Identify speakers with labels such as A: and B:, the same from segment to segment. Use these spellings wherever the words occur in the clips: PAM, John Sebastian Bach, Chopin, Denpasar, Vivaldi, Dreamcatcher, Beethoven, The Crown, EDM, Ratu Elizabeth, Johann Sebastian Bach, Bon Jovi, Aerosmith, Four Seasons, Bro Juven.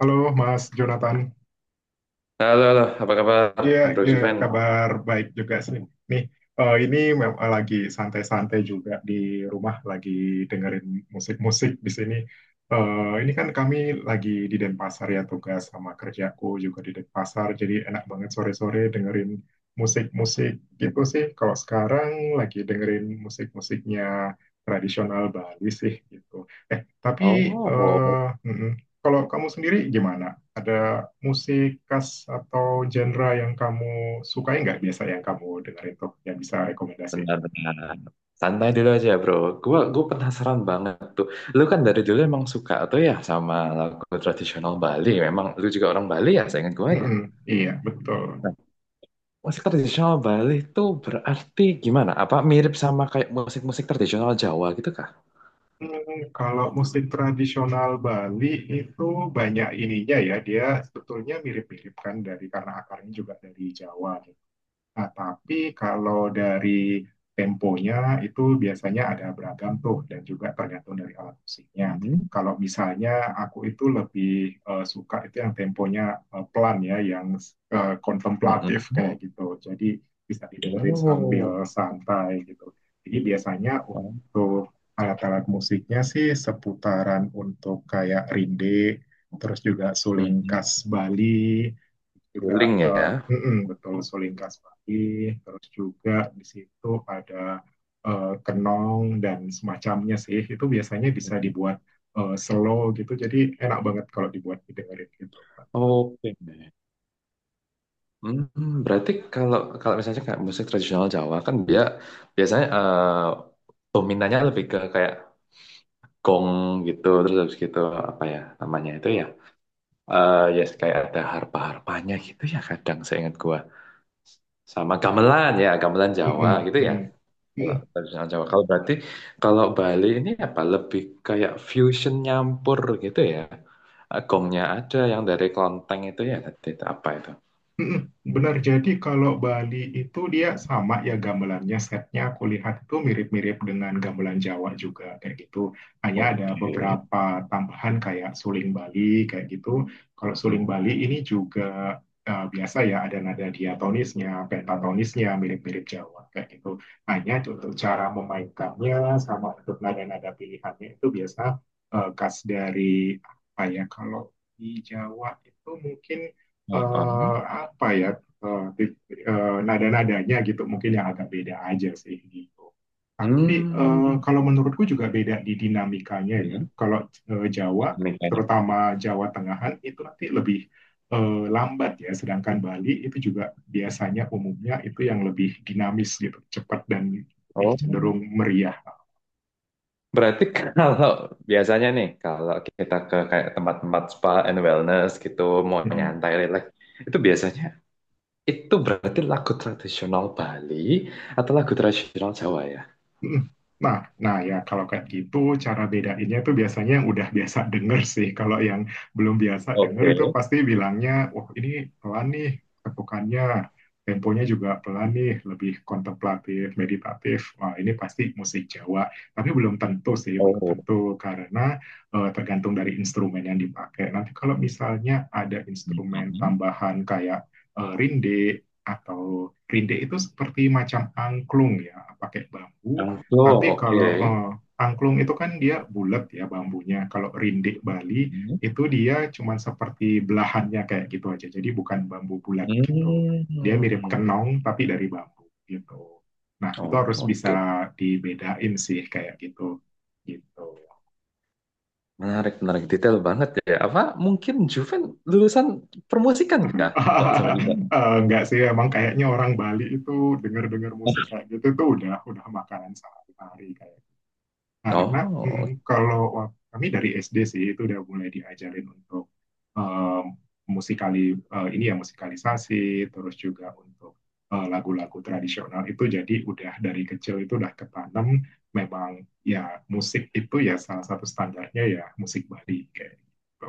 A: Halo Mas Jonathan.
B: Halo, halo, apa kabar,
A: Iya,
B: Bro
A: iya,
B: Juven?
A: kabar baik juga sih. Nih, lagi santai-santai juga di rumah, lagi dengerin musik-musik di sini. Ini kan kami lagi di Denpasar ya, tugas sama kerjaku juga di Denpasar, jadi enak banget sore-sore dengerin musik-musik gitu sih. Kalau sekarang lagi dengerin musik-musiknya tradisional Bali sih gitu. Eh, tapi
B: Oh,
A: eh, mm-mm. Kalau kamu sendiri gimana? Ada musik khas atau genre yang kamu sukai nggak biasa yang kamu dengerin tuh yang bisa rekomendasiin?
B: benar-benar. Santai dulu aja, Bro. Gua penasaran banget tuh. Lu kan dari dulu emang suka tuh ya sama lagu tradisional Bali. Memang lu juga orang Bali ya, saya ingat gua ya.
A: Mm-mm, iya, betul.
B: Nah, musik tradisional Bali tuh berarti gimana? Apa mirip sama kayak musik-musik tradisional Jawa gitu kah?
A: Hmm, kalau musik tradisional Bali itu banyak ininya ya, dia sebetulnya mirip-mirip kan dari karena akarnya juga dari Jawa. Gitu. Nah, tapi kalau dari temponya itu biasanya ada beragam tuh dan juga tergantung dari alat musiknya.
B: Hmm.
A: Kalau misalnya aku itu lebih suka itu yang temponya pelan ya, yang
B: Mm-mm.
A: kontemplatif kayak gitu. Jadi bisa didengerin sambil
B: Oh.
A: santai gitu. Jadi biasanya
B: Hmm.
A: untuk alat-alat musiknya sih seputaran untuk kayak rinde, terus juga suling
B: Mm-mm.
A: khas Bali, juga
B: Suling ya.
A: eh, betul sulingkas pagi, terus juga di situ ada kenong dan semacamnya sih. Itu biasanya bisa
B: Mm-mm.
A: dibuat slow gitu, jadi enak banget kalau dibuat didengerin gitu.
B: Oke. Hmm, berarti kalau kalau misalnya kayak musik tradisional Jawa kan dia biasanya dominannya lebih ke kayak gong gitu, terus habis gitu apa ya namanya itu ya, ya kayak ada harpa-harpanya gitu ya, kadang saya ingat gua sama gamelan ya, gamelan Jawa
A: Mm-mm.
B: gitu ya,
A: Mm-mm.
B: kalau tradisional Jawa, kalau berarti kalau Bali ini apa lebih kayak fusion nyampur gitu ya. Gongnya ada yang dari klonteng itu ya, tadi itu apa itu?
A: Mm-mm, benar, jadi kalau Bali itu dia sama ya gamelannya, setnya aku lihat itu mirip-mirip dengan gamelan Jawa juga kayak gitu. Hanya ada
B: Oke.
A: beberapa tambahan kayak suling Bali kayak gitu. Kalau suling Bali ini juga biasa ya ada nada diatonisnya, pentatonisnya mirip-mirip Jawa kayak gitu. Hanya untuk cara memainkannya sama untuk nada-nada pilihannya itu biasa khas dari apa ya kalau di Jawa itu mungkin
B: Hmm.
A: eh, apa ya eh, tit- eh, nada-nadanya gitu mungkin yang agak beda aja sih gitu. Tapi
B: Hmm.
A: kalau menurutku juga beda di dinamikanya ya.
B: Hmm.
A: Kalau Jawa,
B: Nikahnya.
A: terutama Jawa Tengahan itu nanti lebih lambat ya, sedangkan Bali itu juga biasanya umumnya itu yang lebih dinamis gitu, cepat dan lebih
B: Oh,
A: cenderung meriah.
B: berarti kalau biasanya nih, kalau kita ke kayak tempat-tempat spa and wellness gitu, mau nyantai, relax, itu biasanya itu berarti lagu tradisional Bali atau lagu tradisional Jawa ya?
A: Mm-mm. Nah, nah ya kalau kayak gitu cara bedainnya itu biasanya yang udah biasa denger sih. Kalau yang belum biasa denger
B: Oke.
A: itu pasti bilangnya, wah ini pelan nih ketukannya, temponya juga pelan nih, lebih kontemplatif, meditatif. Wah ini pasti musik Jawa. Tapi belum tentu sih, belum
B: Oh.
A: tentu karena tergantung dari instrumen yang dipakai. Nanti kalau misalnya ada instrumen
B: Hmm.
A: tambahan kayak rinde atau rinde itu seperti macam angklung ya, pakai bambu
B: Oh,
A: tapi kalau
B: oke.
A: angklung itu kan dia bulat ya bambunya. Kalau rindik Bali
B: Hmm.
A: itu dia cuman seperti belahannya kayak gitu aja. Jadi bukan bambu bulat gitu. Dia mirip
B: Hmm.
A: kenong tapi dari bambu gitu. Nah, itu
B: Oh,
A: harus bisa
B: oke.
A: dibedain sih kayak gitu. Gitu.
B: Menarik, menarik. Detail banget ya. Apa mungkin Juven lulusan permusikan kah? Kok sampai bisa?
A: Enggak sih, emang kayaknya orang Bali itu dengar-dengar musik kayak gitu tuh udah makanan sehari-hari kayak karena
B: Oh,
A: kalau kami dari SD sih itu udah mulai diajarin untuk um, musikali ini ya musikalisasi, terus juga untuk lagu-lagu tradisional itu jadi udah dari kecil itu udah ketanam memang ya musik itu ya salah satu standarnya ya musik Bali kayak gitu.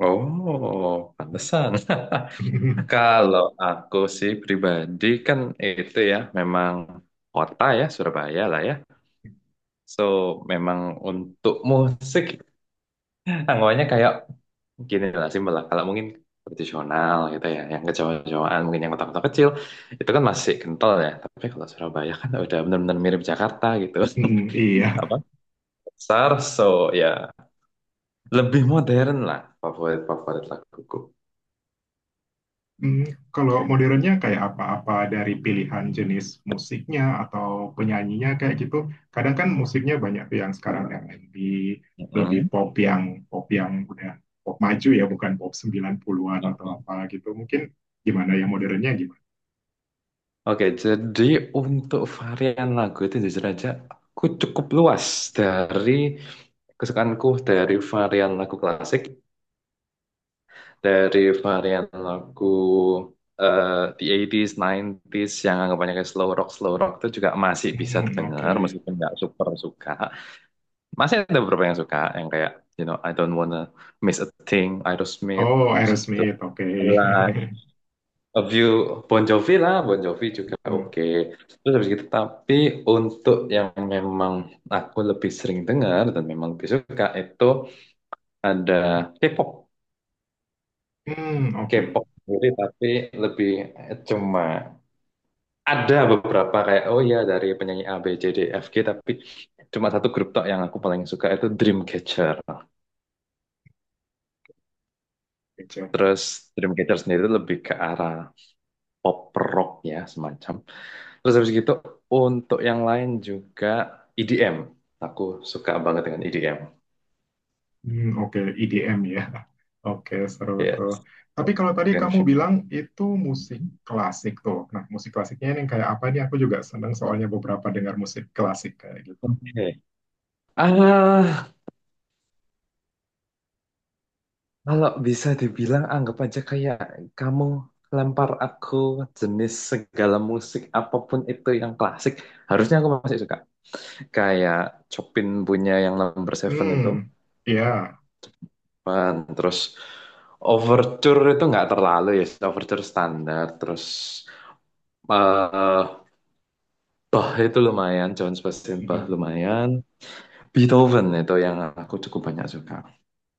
B: oh, pantesan. Kalau aku sih pribadi kan itu ya memang kota ya Surabaya lah ya. So memang untuk musik anggapannya kayak gini lah, simpel lah. Kalau mungkin tradisional gitu ya, yang kejauhan-jauhan mungkin yang kota-kota kecil itu kan masih kental ya. Tapi kalau Surabaya kan udah benar-benar mirip Jakarta gitu.
A: Mm, iya.
B: Apa? Besar, so ya lebih modern lah favorit-favorit laguku.
A: Hmm, kalau modernnya kayak apa-apa dari pilihan jenis musiknya atau penyanyinya kayak gitu. Kadang kan musiknya banyak tuh yang sekarang R&B, lebih
B: Mm-mm.
A: pop yang udah pop maju ya, bukan pop 90-an atau
B: Oke.
A: apa gitu. Mungkin gimana yang modernnya gimana?
B: Oke, jadi untuk varian lagu itu jujur aja aku cukup luas dari kesukaanku, dari varian lagu klasik, dari varian lagu the 80s, 90s yang anggapannya kayak slow rock itu juga masih bisa
A: Hmm, oke.
B: denger meskipun nggak super suka. Masih ada beberapa yang suka yang kayak you know I don't wanna miss a thing, Aerosmith,
A: Oh,
B: habis gitu.
A: Aerosmith, oke.
B: A View Bon Jovi lah, Bon Jovi juga
A: Hmm,
B: oke. Terus habis gitu, tapi untuk yang memang aku lebih sering dengar dan memang lebih suka itu ada K-pop.
A: hmm, oke.
B: K-pop sendiri tapi lebih cuma ada beberapa kayak oh ya dari penyanyi A, B, C, D, E, F, G tapi cuma satu grup tok yang aku paling suka itu Dreamcatcher.
A: Oke,
B: Terus Dreamcatcher sendiri itu lebih ke arah pop rock ya semacam. Terus habis gitu untuk yang lain juga EDM. Aku suka banget dengan EDM.
A: hmm, oke, EDM ya. Oke, seru tuh.
B: Yes.
A: Tapi kalau tadi kamu
B: Dance.
A: bilang itu musik klasik tuh. Nah, musik klasiknya ini kayak apa nih? Aku juga seneng soalnya beberapa dengar musik klasik kayak gitu.
B: Oke. Ah, kalau bisa dibilang anggap aja kayak kamu lempar aku jenis segala musik apapun itu yang klasik, harusnya aku masih suka. Kayak Chopin punya yang number seven itu,
A: Hmm, iya.
B: Pan. Terus Overture itu nggak terlalu ya, Overture standar, terus eh Bach itu lumayan, John Sebastian Bach
A: Hmm.
B: lumayan. Beethoven itu yang aku cukup banyak suka.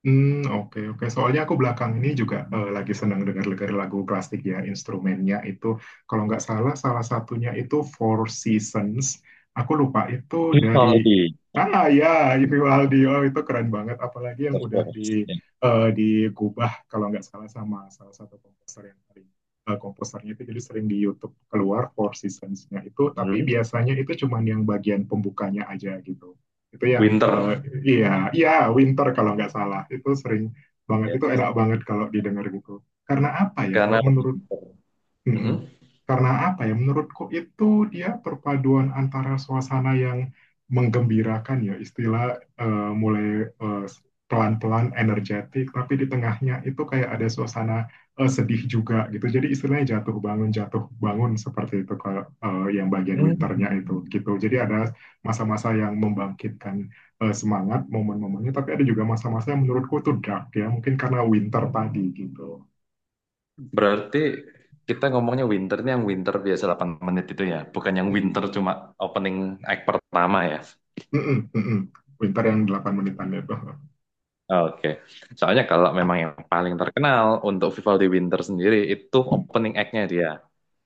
A: Hmm, oke, oke. Soalnya aku belakang ini juga, lagi senang dengar-dengar lagu klasik ya, instrumennya itu kalau nggak salah, salah satunya itu Four Seasons, aku lupa itu dari
B: Vivaldi,
A: ah, ya Vivaldi, oh itu keren banget, apalagi yang
B: of
A: udah di
B: course. Yeah.
A: digubah kalau nggak salah sama salah satu komposer yang paling komposernya itu jadi sering di YouTube keluar Four Seasons-nya itu, tapi
B: Hmm.
A: biasanya itu cuman yang bagian pembukanya aja gitu itu yang
B: Winter.
A: iya, iya, winter kalau nggak salah itu sering banget
B: Yes.
A: itu enak banget kalau didengar gitu karena apa ya
B: Karena
A: kalau menurut
B: winter.
A: mm-mm.
B: Mm-mm.
A: Karena apa ya? Menurutku itu dia perpaduan antara suasana yang menggembirakan ya, istilah eh, mulai eh, pelan-pelan energetik, tapi di tengahnya itu kayak ada suasana sedih juga gitu. Jadi istilahnya jatuh bangun seperti itu kalau yang bagian winternya itu
B: Hmm.
A: gitu. Jadi ada masa-masa yang membangkitkan semangat momen-momennya, tapi ada juga masa-masa yang menurutku itu dark ya, mungkin karena winter tadi gitu.
B: Berarti kita ngomongnya winter ini yang winter biasa 8 menit itu ya, bukan yang winter cuma opening act pertama ya.
A: Mm-mm, mm-mm. Winter yang 8 menitan itu.
B: Oke, soalnya kalau memang yang paling terkenal untuk Vivaldi Winter sendiri itu opening act-nya dia,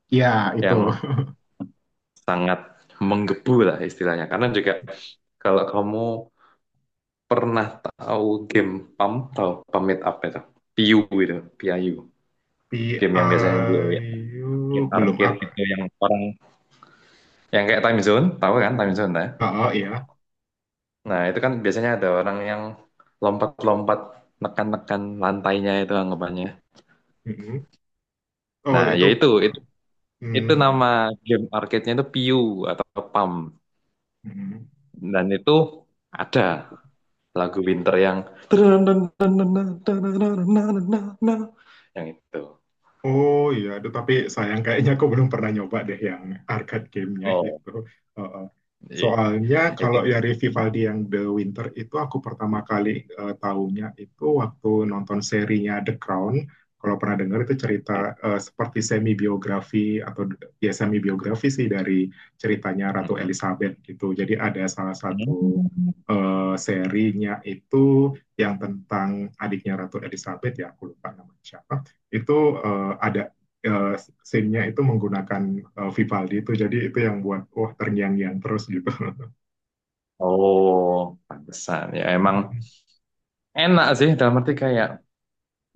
A: Ya, itu.
B: yang sangat menggebu lah istilahnya. Karena juga kalau kamu pernah tahu game PAM, tahu pamit apa itu? Piu itu, PIU. Game yang biasanya di
A: PIU belum
B: arcade-arcade
A: up.
B: gitu yang orang yang kayak time zone, tahu kan time zone ya?
A: Oh, iya.
B: Nah, itu kan biasanya ada orang yang lompat-lompat nekan-nekan lantainya itu anggapannya.
A: Mm-mm. Oh,
B: Nah,
A: itu.
B: ya itu
A: Mm, oh,
B: nama game arcade-nya itu piu atau PAM,
A: mm.
B: dan itu ada lagu winter yang itu.
A: Oh iya, aduh, tapi sayang kayaknya aku belum pernah nyoba deh yang arcade gamenya
B: Oh,
A: itu. Heeh.
B: iya.
A: Soalnya
B: Itu.
A: kalau dari Vivaldi yang The Winter itu aku pertama kali tahunya itu waktu nonton serinya The Crown. Kalau pernah dengar itu cerita
B: Iya.
A: seperti semi biografi atau ya semi biografi sih dari ceritanya Ratu
B: Mm-mm.
A: Elizabeth gitu. Jadi ada salah satu
B: Hmm.
A: serinya itu yang tentang adiknya Ratu Elizabeth ya aku lupa namanya siapa itu ada uh, scene-nya itu menggunakan Vivaldi itu jadi itu yang buat wah terngiang-ngiang terus gitu.
B: Oh, pantesan ya, emang enak sih dalam arti kayak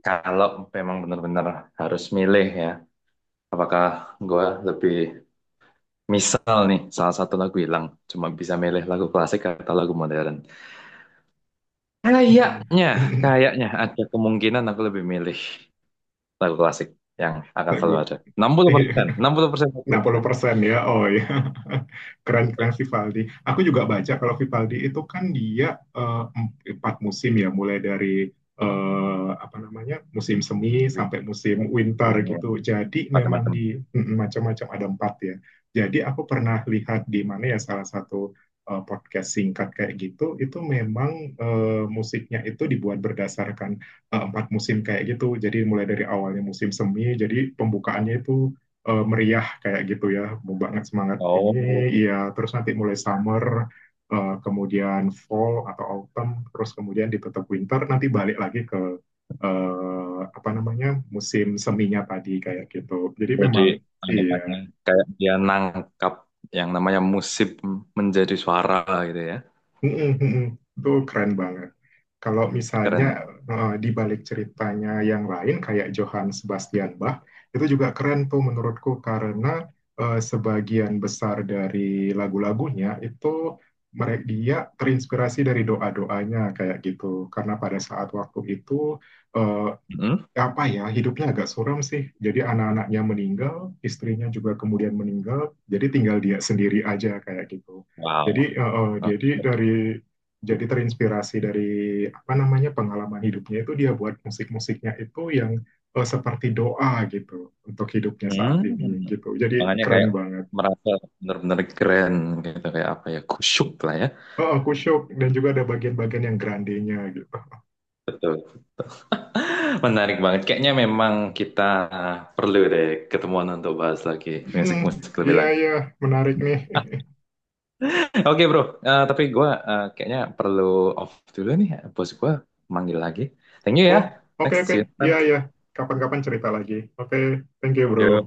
B: kalau memang benar-benar harus milih ya, apakah gue lebih, misal nih salah satu lagu hilang cuma bisa milih lagu klasik atau lagu modern, kayaknya kayaknya ada kemungkinan aku lebih milih lagu klasik yang akan
A: Nah,
B: selalu
A: gue
B: ada. Enam enam puluh puluh
A: eh,
B: persen, 60%, enam puluh
A: enam puluh
B: persen
A: persen ya, oh ya.
B: Ya,
A: Keren-keren Vivaldi. Aku juga baca kalau Vivaldi itu kan dia empat musim ya, mulai dari apa namanya musim semi
B: win.
A: sampai musim winter
B: Win, win.
A: gitu. Jadi memang
B: Macam-macam.
A: di mm, macam-macam ada 4 ya. Jadi aku pernah lihat di mana ya salah satu podcast singkat kayak gitu, itu memang musiknya itu dibuat berdasarkan empat musim kayak gitu. Jadi mulai dari awalnya musim semi, jadi pembukaannya itu meriah kayak gitu ya, mau banget semangat ini,
B: Oh,
A: ya terus nanti mulai summer, kemudian fall atau autumn, terus kemudian ditutup winter, nanti balik lagi ke apa namanya musim seminya tadi kayak gitu. Jadi
B: jadi
A: memang iya,
B: anggapannya kayak dia nangkap yang namanya musik menjadi suara gitu ya.
A: mm, mm, mm, mm. Itu keren banget. Kalau misalnya
B: Keren.
A: di balik ceritanya yang lain kayak Johann Sebastian Bach, itu juga keren tuh menurutku karena sebagian besar dari lagu-lagunya itu mereka dia terinspirasi dari doa-doanya kayak gitu. Karena pada saat waktu itu eh,
B: Hmm?
A: apa ya hidupnya agak suram sih. Jadi anak-anaknya meninggal, istrinya juga kemudian meninggal, jadi tinggal dia sendiri aja kayak gitu. Jadi
B: Wow.
A: jadi dari jadi terinspirasi dari apa namanya pengalaman hidupnya itu dia buat musik-musiknya itu yang seperti doa gitu untuk hidupnya saat ini
B: Hmm.
A: gitu. Jadi
B: Makanya
A: keren
B: kayak
A: banget.
B: merasa benar-benar keren gitu, kayak apa ya, kusyuk lah ya.
A: Oh, aku shock dan juga ada bagian-bagian yang grandenya gitu.
B: Betul, menarik banget, kayaknya memang kita perlu deh ketemuan untuk bahas lagi
A: Hmm,
B: musik-musik lebih
A: iya,
B: lanjut.
A: iya, menarik nih.
B: Oke bro, tapi gue kayaknya perlu off dulu nih. Bos gue manggil lagi. Thank you ya.
A: Oh, oke,
B: Next
A: oke.
B: see you next
A: Iya,
B: time.
A: iya. Kapan-kapan cerita lagi. Oke, thank you, bro.
B: Yo.